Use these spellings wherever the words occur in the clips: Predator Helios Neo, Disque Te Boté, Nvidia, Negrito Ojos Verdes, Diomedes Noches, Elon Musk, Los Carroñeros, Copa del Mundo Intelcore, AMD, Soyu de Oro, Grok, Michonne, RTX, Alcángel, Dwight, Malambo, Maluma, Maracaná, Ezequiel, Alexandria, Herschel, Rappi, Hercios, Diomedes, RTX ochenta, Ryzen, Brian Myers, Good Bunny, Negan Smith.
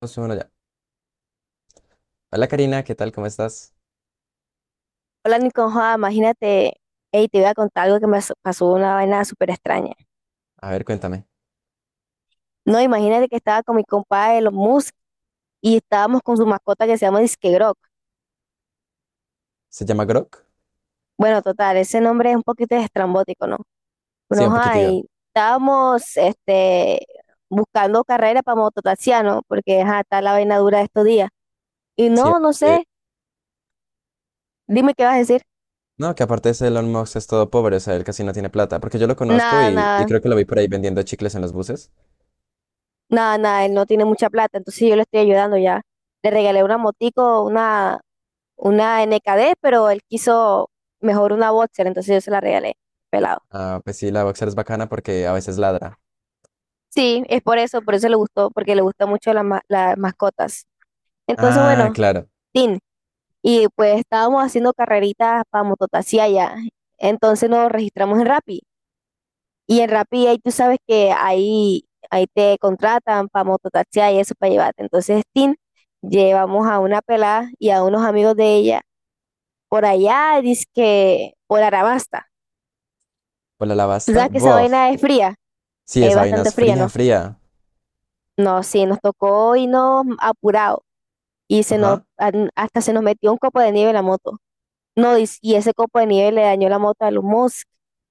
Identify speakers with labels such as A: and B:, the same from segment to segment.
A: Más o ya. Hola Karina, ¿qué tal? ¿Cómo estás?
B: Hola Niconjoa, imagínate, hey, te voy a contar algo que me pasó una vaina súper extraña.
A: A ver, cuéntame.
B: No, imagínate que estaba con mi compadre los Musk y estábamos con su mascota que se llama Disque Grok.
A: ¿Se llama Grok?
B: Bueno, total, ese nombre es un poquito estrambótico, ¿no?
A: Sí,
B: Bueno,
A: un
B: ajá,
A: poquitito.
B: y estábamos buscando carrera para mototaxiano, porque ajá, está la vaina dura de estos días. Y
A: Sí,
B: no, no
A: eh,
B: sé, dime qué vas a decir.
A: no, que aparte ese Elon Musk es todo pobre, o sea, él casi no tiene plata, porque yo lo conozco
B: Nada,
A: y
B: nada,
A: creo que lo vi por ahí vendiendo chicles en los buses.
B: nada, nada, él no tiene mucha plata, entonces yo le estoy ayudando ya. Le regalé una motico, una NKD, pero él quiso mejor una boxer, entonces yo se la regalé, pelado.
A: Ah, pues sí, la Boxer es bacana porque a veces ladra.
B: Sí, es por eso le gustó, porque le gustan mucho las mascotas. Entonces,
A: Ah,
B: bueno,
A: claro.
B: Tin, y pues estábamos haciendo carreritas para mototaxi allá. Entonces nos registramos en Rappi. Y en Rappi ahí tú sabes que ahí te contratan para mototaxi y eso para llevarte. Entonces, Tin, llevamos a una pelada y a unos amigos de ella por allá, dice que por Arabasta.
A: ¿Por la
B: ¿Tú
A: lavasta?
B: sabes que esa
A: Bof.
B: vaina es fría?
A: Sí, esa vaina
B: Bastante
A: es
B: fría,
A: fría,
B: ¿no?
A: fría.
B: No, sí, nos tocó irnos apurado y se nos,
A: Ajá.
B: hasta se nos metió un copo de nieve en la moto. No, y ese copo de nieve le dañó la moto a los Musk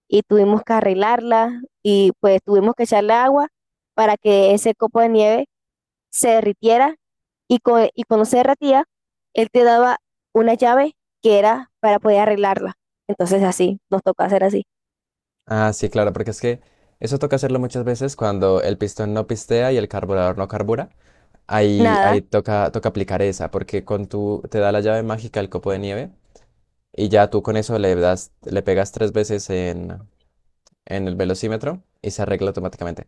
B: y tuvimos que arreglarla, y pues tuvimos que echarle agua para que ese copo de nieve se derritiera y cuando se derretía, él te daba una llave que era para poder arreglarla. Entonces así, nos tocó hacer así.
A: Ah, sí, claro, porque es que eso toca hacerlo muchas veces cuando el pistón no pistea y el carburador no carbura. Ahí, ahí
B: Nada,
A: toca, toca aplicar esa, porque con tu, te da la llave mágica el copo de nieve y ya tú con eso le das, le pegas tres veces en el velocímetro y se arregla automáticamente.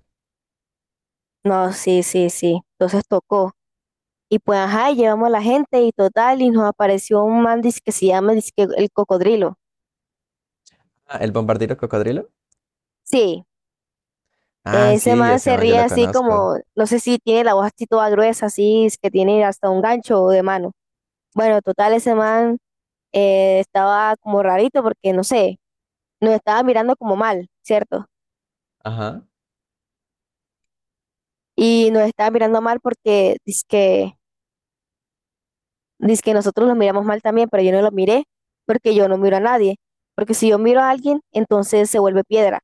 B: no, sí, sí, sí. Entonces tocó. Y pues, ajá, y llevamos a la gente y total, y nos apareció un man dizque que se llama dizque el cocodrilo.
A: Ah, ¿el bombardero cocodrilo?
B: Sí,
A: Ah,
B: ese
A: sí, ya
B: man
A: se
B: se
A: yo
B: ríe
A: lo
B: así
A: conozco.
B: como, no sé si tiene la voz así toda gruesa, así, es que tiene hasta un gancho de mano. Bueno, total, ese man estaba como rarito porque, no sé, nos estaba mirando como mal, ¿cierto?
A: Ajá.
B: Y nos estaba mirando mal porque dizque nosotros los miramos mal también, pero yo no lo miré porque yo no miro a nadie. Porque si yo miro a alguien, entonces se vuelve piedra.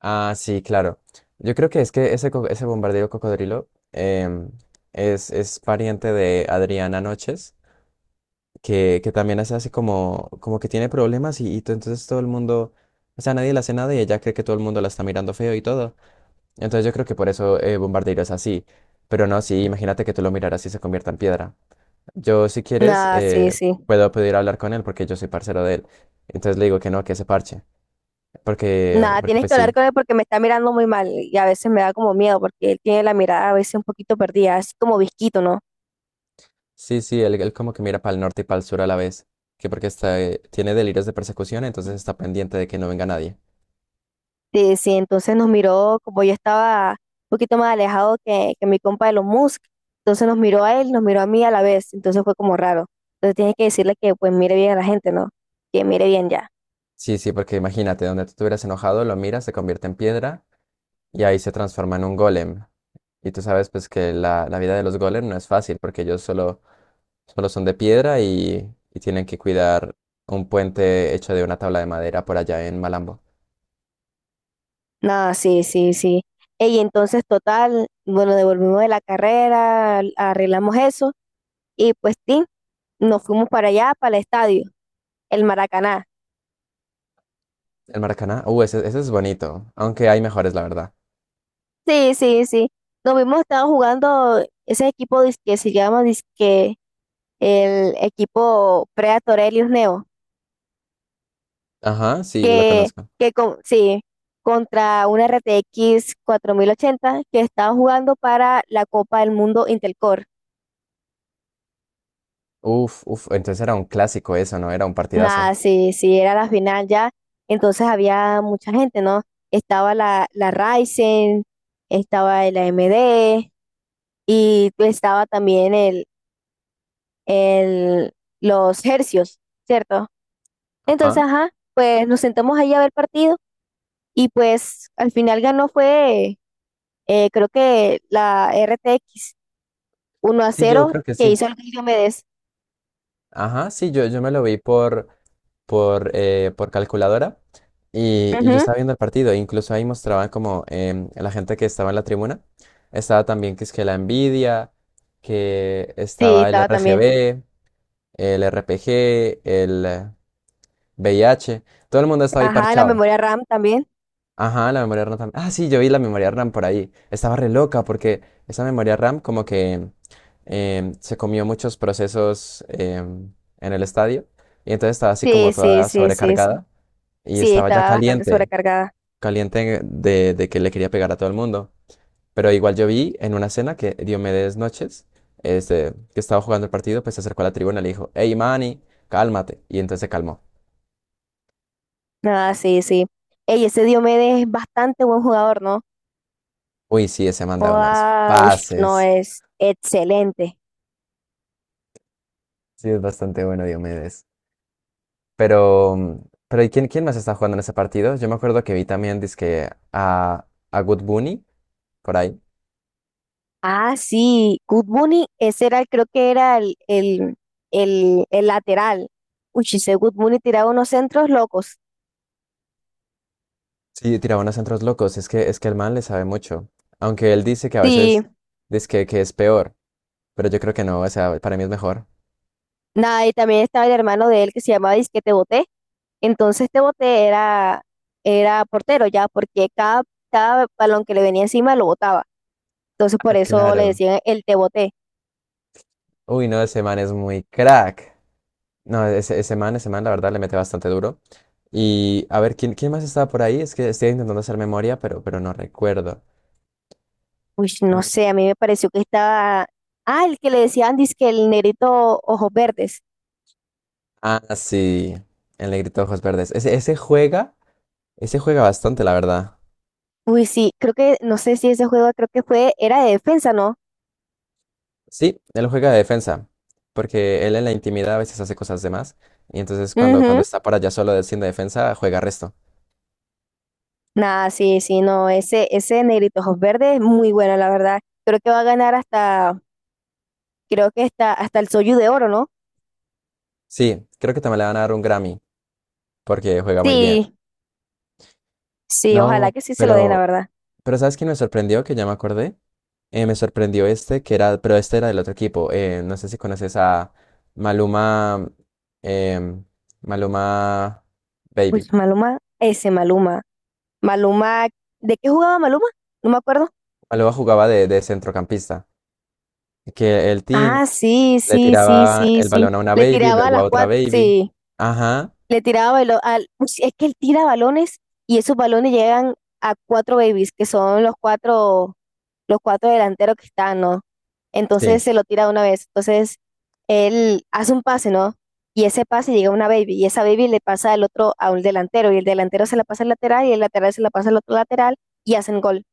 A: Ah, sí, claro. Yo creo que es que ese, ese bombardero cocodrilo es pariente de Adriana Noches. Que también se hace como, como que tiene problemas y entonces todo el mundo, o sea, nadie la hace nada y ella cree que todo el mundo la está mirando feo y todo. Entonces yo creo que por eso Bombardeiro es así. Pero no, sí, imagínate que tú lo miraras y se convierta en piedra. Yo, si quieres,
B: Nada, sí, sí.
A: puedo pedir hablar con él porque yo soy parcero de él. Entonces le digo que no, que se parche. Porque,
B: Nada,
A: porque
B: tienes
A: pues
B: que hablar
A: sí.
B: con él porque me está mirando muy mal y a veces me da como miedo porque él tiene la mirada a veces un poquito perdida, así como visquito, ¿no?
A: Sí, sí, él como que mira para el norte y para el sur a la vez. Que porque está, tiene delirios de persecución, entonces está pendiente de que no venga nadie.
B: Sí, sí, entonces nos miró como yo estaba un poquito más alejado que mi compa de los Musk, entonces nos miró a él, nos miró a mí a la vez, entonces fue como raro. Entonces tienes que decirle que pues mire bien a la gente, ¿no? Que mire bien ya.
A: Sí, sí, porque imagínate, donde tú te hubieras enojado, lo miras, se convierte en piedra y ahí se transforma en un golem. Y tú sabes pues que la vida de los golems no es fácil porque ellos solo, solo son de piedra y tienen que cuidar un puente hecho de una tabla de madera por allá en Malambo.
B: Nada, sí, sí, sí. Y entonces total, bueno, devolvimos de la carrera, arreglamos eso y pues sí, nos fuimos para allá, para el estadio, el Maracaná.
A: El Maracaná, ese, ese es bonito, aunque hay mejores, la verdad.
B: Sí, sí, sí. Nos vimos, estaba jugando ese equipo que se llama disque el equipo Predator Helios Neo,
A: Ajá, sí, lo
B: que,
A: conozco.
B: que sí, contra una RTX 80 que estaba jugando para la Copa del Mundo Intelcore.
A: Uf, uf, entonces era un clásico eso, ¿no? Era un partidazo.
B: Nada, sí, sí, era la final ya, entonces había mucha gente, ¿no? Estaba la Ryzen, estaba el AMD y estaba también el, los Hercios, ¿cierto? Entonces,
A: Ajá,
B: ajá, pues nos sentamos ahí a ver partido y pues al final ganó fue, creo que la RTX uno a
A: sí, yo
B: cero
A: creo que
B: que
A: sí.
B: hizo el Diomedes.
A: Ajá, sí, yo me lo vi por calculadora y yo
B: Ujú.
A: estaba viendo el partido. E incluso ahí mostraban como la gente que estaba en la tribuna. Estaba también que es que la Nvidia, que
B: Sí,
A: estaba el
B: estaba también.
A: RGB, el RPG, el VIH. Todo el mundo estaba ahí
B: Ajá, la
A: parchado.
B: memoria RAM también.
A: Ajá, la memoria RAM también. Ah, sí, yo vi la memoria RAM por ahí. Estaba re loca porque esa memoria RAM como que se comió muchos procesos en el estadio. Y entonces estaba así como
B: Sí, sí,
A: toda
B: sí, sí, sí.
A: sobrecargada y
B: Sí,
A: estaba ya
B: estaba bastante
A: caliente,
B: sobrecargada.
A: caliente de que le quería pegar a todo el mundo. Pero igual yo vi en una escena que Diomedes Noches, este, que estaba jugando el partido, pues se acercó a la tribuna y le dijo, hey Manny, cálmate. Y entonces se calmó.
B: Ah, sí, sí. Ey, ese Diomedes es bastante buen jugador, ¿no?
A: Uy, sí, ese manda unos
B: Joda, ush, no
A: pases.
B: es excelente.
A: Sí, es bastante bueno Diomedes. Pero, pero ¿y quién, quién más está jugando en ese partido? Yo me acuerdo que vi también, dizque a Good Bunny, por ahí.
B: Ah, sí, Good Bunny, ese era, creo que era el lateral. Uy, si ese Good Bunny tiraba unos centros locos.
A: Sí, tiraba unos centros locos. Es que el man le sabe mucho. Aunque él dice que a
B: Sí,
A: veces, dizque que es peor. Pero yo creo que no, o sea, para mí es mejor.
B: nada, y también estaba el hermano de él que se llamaba Disque Te Boté. Entonces Te Boté era portero ya, porque cada balón que le venía encima lo botaba. Entonces
A: Ah,
B: por eso le
A: claro.
B: decían el Te Boté.
A: Uy, no, ese man es muy crack. No, ese, ese man, la verdad, le mete bastante duro. Y a ver, ¿quién, quién más estaba por ahí? Es que estoy intentando hacer memoria, pero no recuerdo.
B: Uy, no
A: Mm.
B: sé, a mí me pareció que estaba... Ah, el que le decían Disque el negrito ojos verdes.
A: Ah, sí, el negrito de ojos verdes. Ese, ese juega bastante, la verdad.
B: Uy, sí, creo que, no sé si ese juego creo que fue, era de defensa, ¿no?
A: Sí, él juega de defensa, porque él en la intimidad a veces hace cosas de más. Y entonces cuando, cuando
B: Ujú.
A: está por allá solo haciendo defensa, juega resto.
B: Nada, sí, sí, no, ese Negrito Ojos Verdes es muy bueno, la verdad. Creo que va a ganar hasta, creo que hasta el Soyu de Oro, ¿no?
A: Sí, creo que también le van a dar un Grammy, porque juega muy bien.
B: Sí, sí, ojalá
A: No,
B: que sí se lo den, la verdad.
A: pero ¿sabes quién me sorprendió? Que ya me acordé. Me sorprendió este, que era, pero este era del otro equipo. No sé si conoces a Maluma, em, Maluma
B: Uy,
A: Baby.
B: Maluma, ese Maluma. Maluma, ¿de qué jugaba Maluma? No me acuerdo.
A: Maluma jugaba de centrocampista. Que el team
B: Ah, sí,
A: le
B: sí, sí,
A: tiraba
B: sí,
A: el
B: sí.
A: balón a una
B: Le
A: baby,
B: tiraba a
A: luego a
B: las
A: otra
B: cuatro,
A: baby.
B: sí.
A: Ajá,
B: Le tiraba balón al, ush, es que él tira balones y esos balones llegan a cuatro babies, que son los cuatro delanteros que están, ¿no? Entonces
A: sí,
B: se lo tira de una vez. Entonces él hace un pase, ¿no? Y ese pase llega a una baby y esa baby le pasa al otro a un delantero y el delantero se la pasa al lateral y el lateral se la pasa al otro lateral y hacen gol.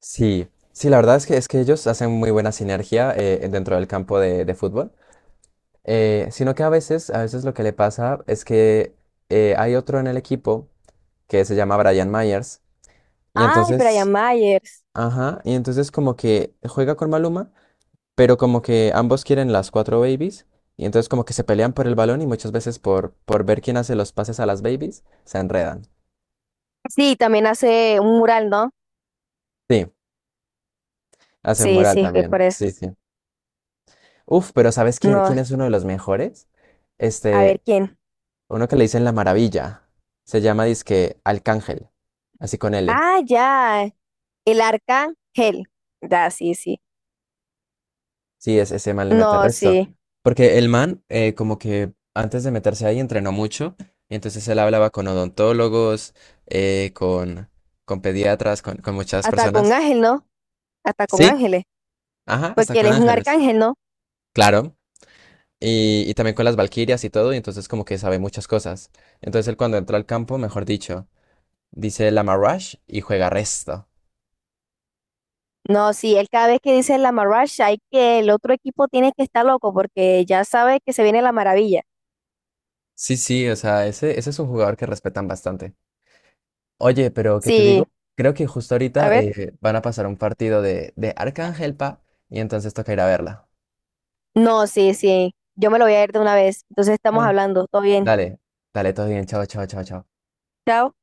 A: sí. Sí, la verdad es que ellos hacen muy buena sinergia dentro del campo de fútbol. Sino que a veces lo que le pasa es que hay otro en el equipo que se llama Brian Myers. Y
B: Ay, Brian
A: entonces,
B: Myers.
A: ajá, y entonces como que juega con Maluma, pero como que ambos quieren las cuatro babies. Y entonces como que se pelean por el balón y muchas veces por ver quién hace los pases a las babies, se enredan.
B: Sí, también hace un mural, ¿no?
A: Sí, hacen
B: Sí,
A: moral
B: sí, es
A: también.
B: por eso.
A: Sí, sí. Uf, pero ¿sabes quién,
B: No,
A: quién es uno de los mejores?
B: a ver
A: Este,
B: quién.
A: uno que le dicen La Maravilla. Se llama dizque Alcángel, así con L.
B: Ah, ya. El arcángel. Ya, sí, sí.
A: Sí, es, ese man le
B: No,
A: mete resto.
B: sí.
A: Porque el man, como que antes de meterse ahí, entrenó mucho. Y entonces él hablaba con odontólogos, eh, con, con pediatras, con muchas
B: Hasta con
A: personas.
B: ángel, ¿no? Hasta con
A: Sí,
B: ángeles.
A: ajá, hasta
B: Porque él
A: con
B: es un
A: ángeles.
B: arcángel, ¿no?
A: Claro. Y también con las valquirias y todo. Y entonces, como que sabe muchas cosas. Entonces, él cuando entró al campo, mejor dicho, dice la Marash y juega resto.
B: No, sí, él cada vez que dice la marrasha hay que el otro equipo tiene que estar loco porque ya sabe que se viene la maravilla.
A: Sí, sí, o sea, ese es un jugador que respetan bastante. Oye, pero ¿qué te
B: Sí,
A: digo? Creo que justo
B: a
A: ahorita
B: ver.
A: van a pasar un partido de Arcángel Pa y entonces toca ir a verla.
B: No, sí, sí. Yo me lo voy a ir de una vez. Entonces estamos
A: Ay,
B: hablando. Todo bien.
A: dale, dale, todo bien, chao, chao, chao, chao.
B: Chao.